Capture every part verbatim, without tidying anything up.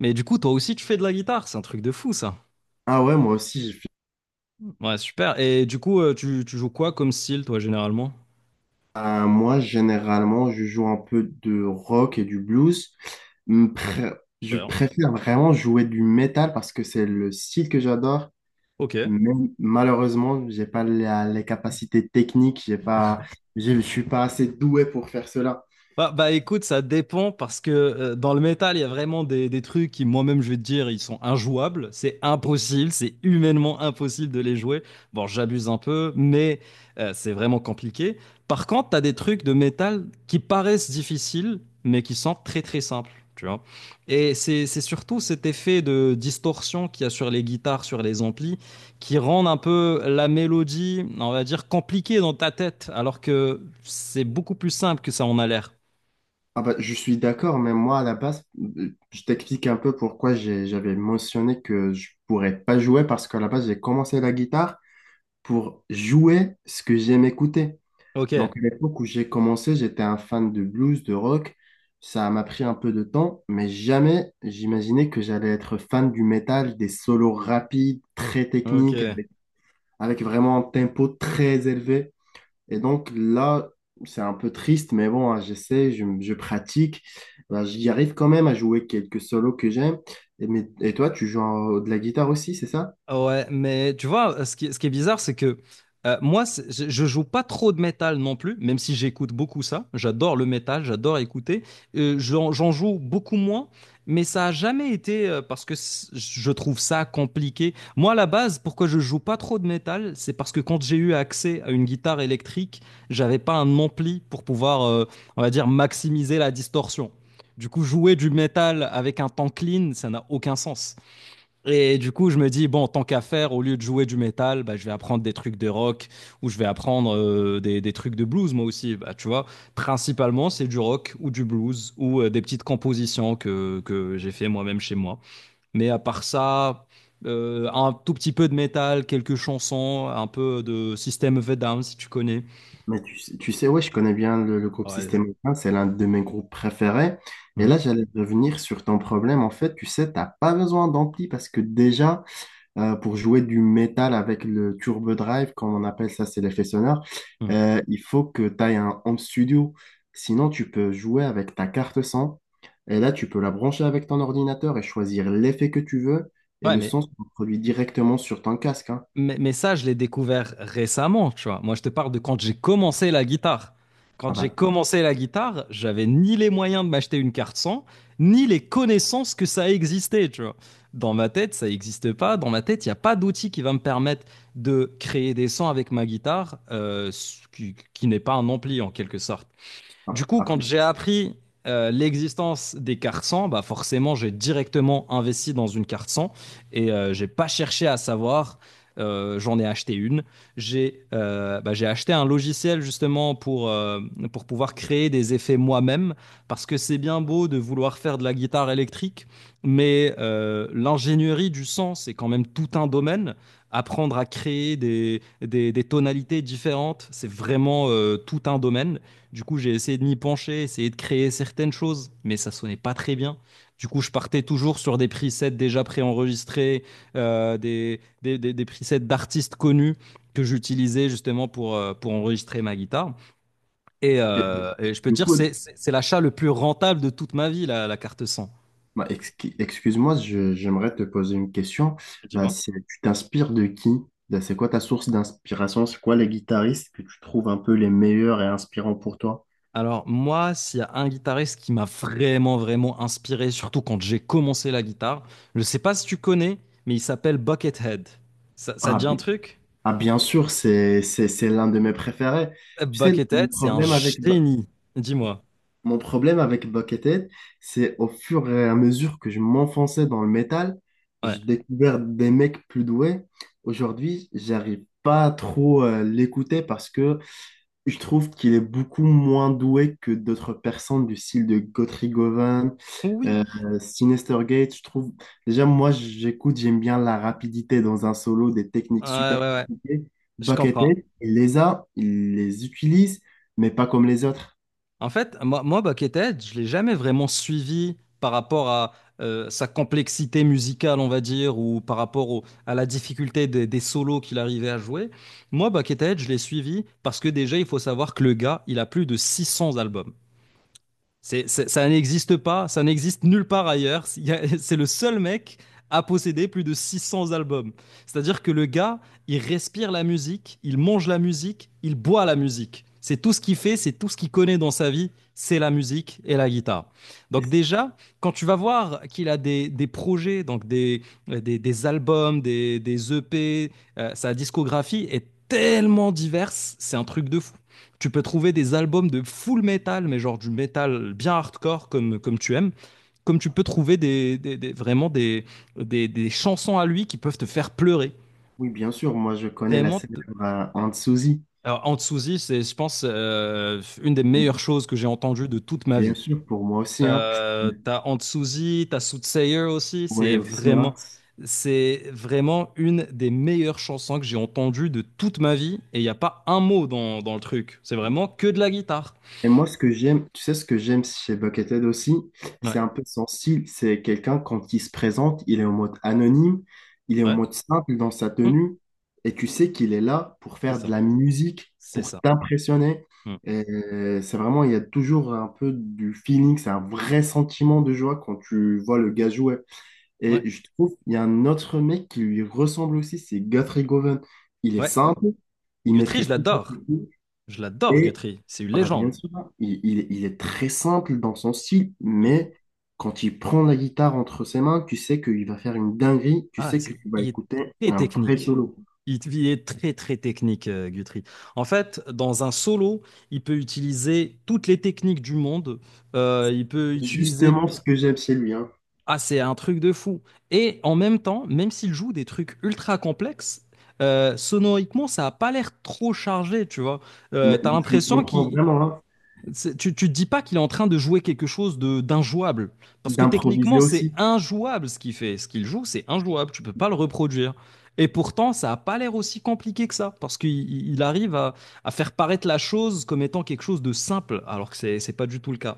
Mais du coup, toi aussi, tu fais de la guitare, c'est un truc de fou ça. Ah ouais, moi aussi, j'ai fait- Ouais, super. Et du coup, euh, tu, tu joues quoi comme style, toi, généralement? Ah, moi, généralement, je joue un peu de rock et du blues. Hum, pré- Je Super. préfère vraiment jouer du métal parce que c'est le style que j'adore. Ok. Mais malheureusement, j'ai pas la- les capacités techniques, j'ai pas, j'ai- je suis pas assez doué pour faire cela. Bah, bah, écoute, ça dépend parce que euh, dans le métal, il y a vraiment des, des trucs qui, moi-même, je vais te dire, ils sont injouables. C'est impossible, c'est humainement impossible de les jouer. Bon, j'abuse un peu, mais euh, c'est vraiment compliqué. Par contre, t'as des trucs de métal qui paraissent difficiles, mais qui sont très très simples, tu vois. Et c'est c'est surtout cet effet de distorsion qu'il y a sur les guitares, sur les amplis, qui rendent un peu la mélodie, on va dire, compliquée dans ta tête, alors que c'est beaucoup plus simple que ça en a l'air. Ah bah, je suis d'accord, mais moi, à la base, euh, je t'explique un peu pourquoi j'ai- j'avais mentionné que je pourrais pas jouer parce qu'à la base, j'ai commencé la guitare pour jouer ce que j'aime écouter. Ok, Donc, à l'époque où j'ai commencé, j'étais un fan de blues, de rock. Ça m'a pris un peu de temps, mais jamais j'imaginais que j'allais être fan du métal, des solos rapides, très techniques, ok. avec, avec vraiment un tempo très élevé. Et donc là, c'est un peu triste, mais bon, hein, j'essaie, je, je pratique. Ben, j'y arrive quand même à jouer quelques solos que j'aime. Et, mais- et toi, tu joues en- de la guitare aussi, c'est ça? Ouais, mais tu vois, euh, ce qui, ce qui est bizarre, c'est que euh, moi, c'est- je, je joue pas trop de métal non plus, même si j'écoute beaucoup ça. J'adore le métal, j'adore écouter. Euh, j'en, j'en joue beaucoup moins, mais ça a jamais été euh, parce que c- je trouve ça compliqué. Moi, à la base, pourquoi je joue pas trop de métal, c'est parce que quand j'ai eu accès à une guitare électrique, j'avais pas un ampli pour pouvoir, euh, on va dire, maximiser la distorsion. Du coup, jouer du métal avec un temps clean, ça n'a aucun sens. Et du coup, je me dis, bon, tant qu'à faire, au lieu de jouer du métal, bah, je vais apprendre des trucs de rock ou je vais apprendre euh, des, des trucs de blues, moi aussi. Bah, tu vois, principalement, c'est du rock ou du blues ou euh, des petites compositions que, que j'ai fait moi-même chez moi. Mais à part ça, euh, un tout petit peu de métal, quelques chansons, un peu de System of a Down, si tu connais. Mais tu, sais, tu sais, ouais, je connais bien le, le groupe Ouais. Système U, c'est l'un de mes groupes préférés. Et là, Mhm. j'allais revenir sur ton problème. En fait, tu sais, t'as pas besoin d'ampli parce que déjà, euh, pour jouer du métal avec le turbo drive, comme on appelle ça, c'est l'effet sonore, Mhm. euh, il faut que tu aies un home studio. Sinon, tu peux jouer avec ta carte son. Et là, tu peux la brancher avec ton ordinateur et choisir l'effet que tu veux. Et Ouais, le son mais se produit directement sur ton casque, hein. Mais, mais ça, je l'ai découvert récemment, tu vois. Moi, je te parle de quand j'ai commencé la guitare. Quand Ah j'ai bah, commencé la guitare, j'avais ni les moyens de m'acheter une carte son, ni les connaissances que ça existait, tu vois. Dans ma tête, ça n'existe pas. Dans ma tête, il n'y a pas d'outil qui va me permettre de créer des sons avec ma guitare, euh, qui, qui n'est pas un ampli en quelque sorte. ah, Du coup, quand après, j'ai c'est- appris euh, l'existence des cartes cent, bah forcément, j'ai directement investi dans une carte cent et euh, j'ai pas cherché à savoir. Euh, j'en ai acheté une. J'ai euh, bah, j'ai acheté un logiciel justement pour, euh, pour pouvoir créer des effets moi-même, parce que c'est bien beau de vouloir faire de la guitare électrique, mais euh, l'ingénierie du son, c'est quand même tout un domaine. Apprendre à créer des, des, des tonalités différentes, c'est vraiment euh, tout un domaine. Du coup, j'ai essayé de m'y pencher, essayé de créer certaines choses, mais ça sonnait pas très bien. Du coup, je partais toujours sur des presets déjà préenregistrés, euh, des, des, des, des presets d'artistes connus que j'utilisais justement pour, euh, pour enregistrer ma guitare. Et, euh, et je peux te du dire, coup, c'est, c'est, c'est l'achat le plus rentable de toute ma vie, la, la carte cent. Bah, exqui- excuse-moi, je- j'aimerais te poser une question. Bah, Dis-moi. C'est- tu t'inspires de qui? Bah, c'est quoi ta source d'inspiration? C'est quoi les guitaristes que tu trouves un peu les meilleurs et inspirants pour toi? Alors moi, s'il y a un guitariste qui m'a vraiment, vraiment inspiré, surtout quand j'ai commencé la guitare, je sais pas si tu connais, mais il s'appelle Buckethead. Ça, ça te Ah, dit un bi- truc? ah, bien sûr, c'est c'est- c'est l'un de mes préférés. Tu sais, mon Buckethead, c'est un problème avec, Bu- génie. Dis-moi. mon problème avec Buckethead, c'est au fur et à mesure que je m'enfonçais dans le métal, j'ai Ouais. découvert des mecs plus doués. Aujourd'hui, j'arrive pas trop à l'écouter parce que je trouve qu'il est beaucoup moins doué que d'autres personnes du style de Guthrie Govan, Oui. euh, Sinister Gates. Je trouve, déjà, moi, j'écoute, j'aime bien la rapidité dans un solo, des techniques Ouais, ouais, super ouais. compliquées. Je comprends. Buckethead, il les a, il les utilise, mais pas comme les autres. En fait, moi, moi Buckethead, je l'ai jamais vraiment suivi par rapport à euh, sa complexité musicale, on va dire, ou par rapport au- à la difficulté des, des solos qu'il arrivait à jouer. Moi, Buckethead, je l'ai suivi parce que déjà, il faut savoir que le gars, il a plus de six cents albums. C'est, c'est- ça n'existe pas, ça n'existe nulle part ailleurs. Il y a- C'est le seul mec à posséder plus de six cents albums. C'est-à-dire que le gars, il respire la musique, il mange la musique, il boit la musique. C'est tout ce qu'il fait, c'est tout ce qu'il connaît dans sa vie, c'est la musique et la guitare. Et Donc c- déjà, quand tu vas voir qu'il a des, des projets, donc des, des, des albums, des, des E P, euh, sa discographie est tellement diverse, c'est un truc de fou. Tu peux trouver des albums de full metal, mais genre du metal bien hardcore comme, comme tu aimes. Comme tu peux trouver des, des- des- vraiment des, des, des chansons à lui qui peuvent te faire pleurer. oui, bien sûr, moi, je connais la Vraiment, célèbre te- euh, Aunt Suzy. alors, Anzuzi, c'est, je pense, euh, une des meilleures choses que j'ai entendues de toute ma Bien vie. sûr, pour moi aussi, hein. Euh, t'as Anzuzi, t'as Soothsayer aussi, Ouais, c'est aussi, hein. vraiment, c'est vraiment une des meilleures chansons que j'ai entendues de toute ma vie, et il n'y a pas un mot dans, dans le truc. C'est vraiment que de la guitare. Et moi, ce que j'aime, tu sais, ce que j'aime chez Buckethead aussi, Ouais, c'est un peu son style. C'est quelqu'un, quand il se présente, il est en mode anonyme, il est en ouais. mode simple dans sa tenue, et tu sais qu'il est là pour C'est faire de ça. la musique, C'est pour ça. t'impressionner. Mm. Et c'est vraiment, il y a toujours un peu du feeling, c'est un vrai sentiment de joie quand tu vois le gars jouer. Ouais. Et je trouve, il y a un autre mec qui lui ressemble aussi, c'est Guthrie Govan. Il est Ouais. simple, il Guthrie, je maîtrise tout. l'adore. Je l'adore, Et Guthrie. C'est une ah bah, bien légende. sûr, il, il- il est très simple dans son style, Mm. mais quand il prend la guitare entre ses mains, tu sais qu'il va faire une dinguerie, tu Ah, sais que c'est- tu vas Il est écouter très un vrai technique. solo. Il il est très, très technique, euh, Guthrie. En fait, dans un solo, il peut utiliser toutes les techniques du monde. Euh, il peut utiliser. Justement ce que j'aime chez lui, hein. Ah, c'est un truc de fou. Et en même temps, même s'il joue des trucs ultra complexes, euh, sonoriquement, ça n'a pas l'air trop chargé, tu vois. Euh, Mais, t'as mais tu me l'impression comprends qu'il vraiment, hein, C'est- Tu, tu te dis pas qu'il est en train de jouer quelque chose de d'injouable. Parce que d'improviser techniquement, c'est aussi. injouable ce qu'il fait. Ce qu'il joue, c'est injouable. Tu peux pas le reproduire. Et pourtant, ça a pas l'air aussi compliqué que ça. Parce qu'il il- il arrive à, à faire paraître la chose comme étant quelque chose de simple. Alors que c'est c'est pas du tout le cas.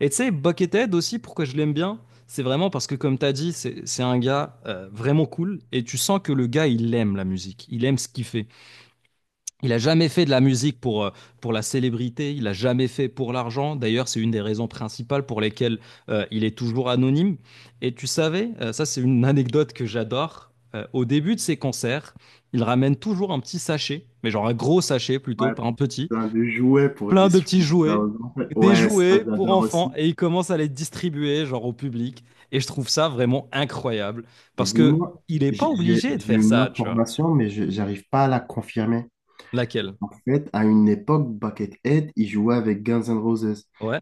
Et tu sais, Buckethead aussi, pourquoi je l'aime bien, c'est vraiment parce que, comme tu as dit, c'est c'est un gars euh, vraiment cool. Et tu sens que le gars, il aime la musique. Il aime ce qu'il fait. Il a jamais fait de la musique pour, euh, pour la célébrité, il a jamais fait pour l'argent. D'ailleurs, c'est une des raisons principales pour lesquelles euh, il est toujours anonyme. Et tu savais, euh, ça c'est une anecdote que j'adore, euh, au début de ses concerts, il ramène toujours un petit sachet, mais genre un gros sachet plutôt, Ouais, pas un petit, plein de jouets pour plein de petits distribuer ça jouets, aux enfants. des Ouais, ça jouets pour j'adore enfants, aussi. et il commence à les distribuer genre au public. Et je trouve ça vraiment incroyable, Mais parce que dis-moi, il n'est pas j'ai j'ai- obligé de j'ai faire une ça, tu vois. information, mais je j'arrive pas à la confirmer. Laquelle? En fait, à une époque, Buckethead, il jouait avec Guns N' Roses. Ouais.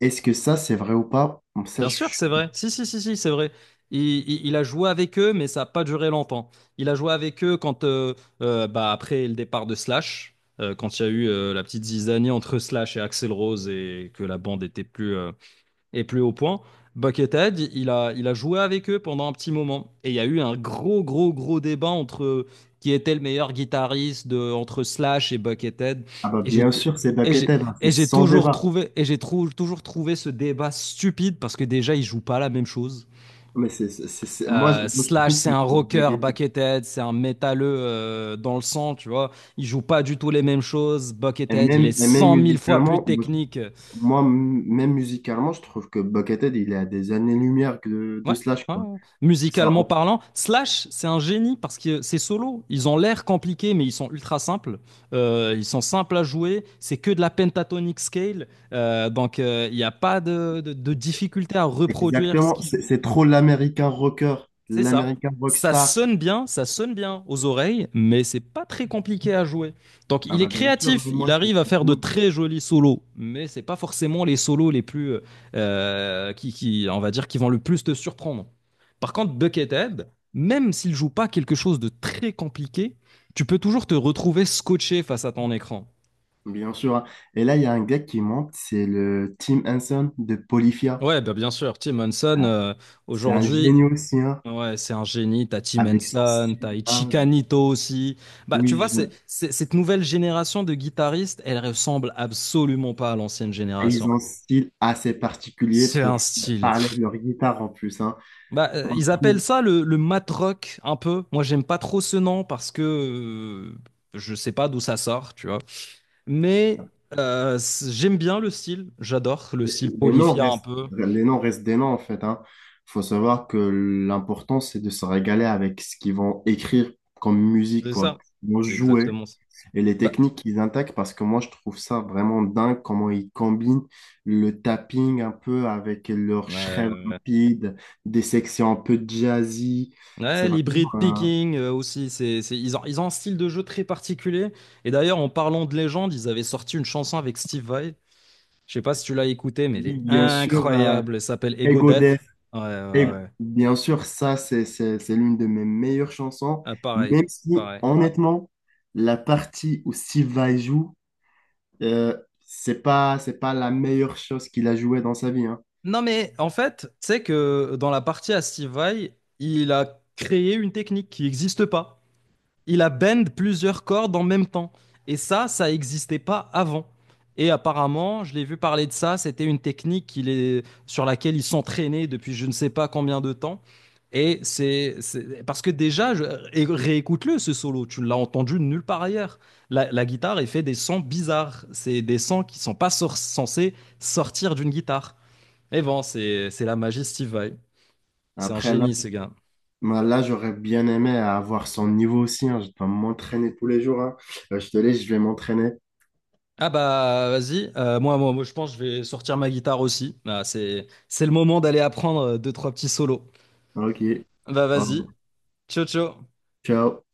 Est-ce que ça, c'est vrai ou pas? Comme ça, Bien je... sûr, je- c'est vrai. Si, si, si, si, c'est vrai. Il, il- il a joué avec eux, mais ça n'a pas duré longtemps. Il a joué avec eux quand, euh, euh, bah, après le départ de Slash, euh, quand il y a eu euh, la petite zizanie entre Slash et Axel Rose et que la bande était plus, euh, et plus haut point, Buckethead, il a, il a joué avec eux pendant un petit moment. Et il y a eu un gros, gros, gros débat entre qui était le meilleur guitariste de, entre Slash et Buckethead. Ah bah Et j'ai bien tou- sûr, c'est et j'ai Buckethead, hein, c'est et j'ai sans toujours débat. trouvé, et j'ai trou- toujours trouvé ce débat stupide parce que déjà, ils jouent pas la même chose. Mais c'est, c'est, c'est- c'est- Moi, je, Euh, moi, je Slash, trouve c'est que un c'est rocker, Buckethead. Buckethead, c'est un métalleux euh, dans le sang, tu vois. Ils jouent pas du tout les mêmes choses. Et Buckethead, il est même, et même cent mille fois plus musicalement, moi, je- technique. moi, m- même musicalement, je trouve que Buckethead, il est à des années-lumière que de, Ouais, de Slash, ouais, quoi. ouais. Ça, Musicalement parlant, Slash, c'est un génie parce que c'est solo. Ils ont l'air compliqués, mais ils sont ultra simples. Euh, ils sont simples à jouer. C'est que de la pentatonic scale. Euh, donc, euh, il n'y a pas de, de, de difficulté à reproduire ce Exactement, qu'ils c'est jouent. c'est trop l'américain rocker, C'est ça. l'américain Ça rockstar. sonne bien, ça sonne bien aux oreilles, mais c'est pas très compliqué à jouer. Donc Ah il est bah bien sûr, mais créatif, il moi je arrive à sais faire tout, de hein. très jolis solos, mais c'est pas forcément les solos les plus euh, qui, qui, on va dire, qui vont le plus te surprendre. Par contre, Buckethead, même s'il joue pas quelque chose de très compliqué, tu peux toujours te retrouver scotché face à ton écran. Bien sûr, hein. Et là, il y a un gars qui monte, c'est le Tim Henson de Polyphia. Ouais, bah bien sûr, Tim Henson, Ah, euh, c'est un aujourd'hui, génie aussi, hein, ouais, c'est un génie. T'as Tim avec son Henson, style. t'as Ah, Ichika Nito aussi. Bah, tu oui, vois, c'est, j'aime. c'est- cette nouvelle génération de guitaristes, elle ressemble absolument pas à l'ancienne Ils génération. ont un style assez particulier C'est pour un style. parler de Pff. leur guitare en plus, hein. Bah, euh, Moi, ils je appellent trouve ça le, le mat rock un peu. Moi, j'aime pas trop ce nom parce que euh, je sais pas d'où ça sort, tu vois. Mais euh, c'est- j'aime bien le style. J'adore le Les style les noms Polyphia un restent, peu. les noms restent des noms, en fait, hein. Faut savoir que l'important, c'est de se régaler avec ce qu'ils vont écrire comme musique, C'est quoi. ça. Ils vont C'est jouer exactement ça. et les Bah, techniques qu'ils attaquent, parce que moi, je trouve ça vraiment dingue comment ils combinent le tapping un peu avec leur ouais, shred ouais, rapide, des sections un peu jazzy. C'est ouais, vraiment, l'hybrid euh, picking euh, aussi, c'est, c'est, ils ont, ils ont un style de jeu très particulier. Et d'ailleurs, en parlant de légende, ils avaient sorti une chanson avec Steve Vai. Je sais pas si tu l'as écoutée, mais elle oui, est bien sûr, euh, incroyable. Elle s'appelle Ego Ego. Et Death. Ouais, ouais, ouais, ouais. bien sûr, ça, c'est, c'est, c'est l'une de mes meilleures chansons, Ah, pareil, même si, pareil. honnêtement, la partie où Siva joue, euh, c'est pas, c'est pas la meilleure chose qu'il a jouée dans sa vie, hein. Non, mais en fait, tu sais que dans la partie à Steve Vai, il a créé une technique qui n'existe pas. Il a bend plusieurs cordes en même temps. Et ça, ça n'existait pas avant. Et apparemment, je l'ai vu parler de ça, c'était une technique qu'il est, sur laquelle il s'entraînait depuis je ne sais pas combien de temps. Et c'est c'est- parce que déjà, je- et réécoute-le ce solo, tu l'as entendu nulle part ailleurs. La, la guitare, elle fait des sons bizarres, c'est des sons qui sont pas sor- censés sortir d'une guitare. Mais bon, c'est c'est la magie Steve Vai. C'est un Après, là, génie, ce gars. moi, là j'aurais bien aimé avoir son niveau aussi, hein. Je dois m'entraîner tous les jours, hein. Euh, je te laisse, je vais m'entraîner. Ah bah vas-y. Euh, moi, moi, moi je pense que je vais sortir ma guitare aussi. Bah, c'est, c'est le moment d'aller apprendre euh, deux, trois petits solos. Ok. Bah Oh, vas-y, ciao ciao. ciao.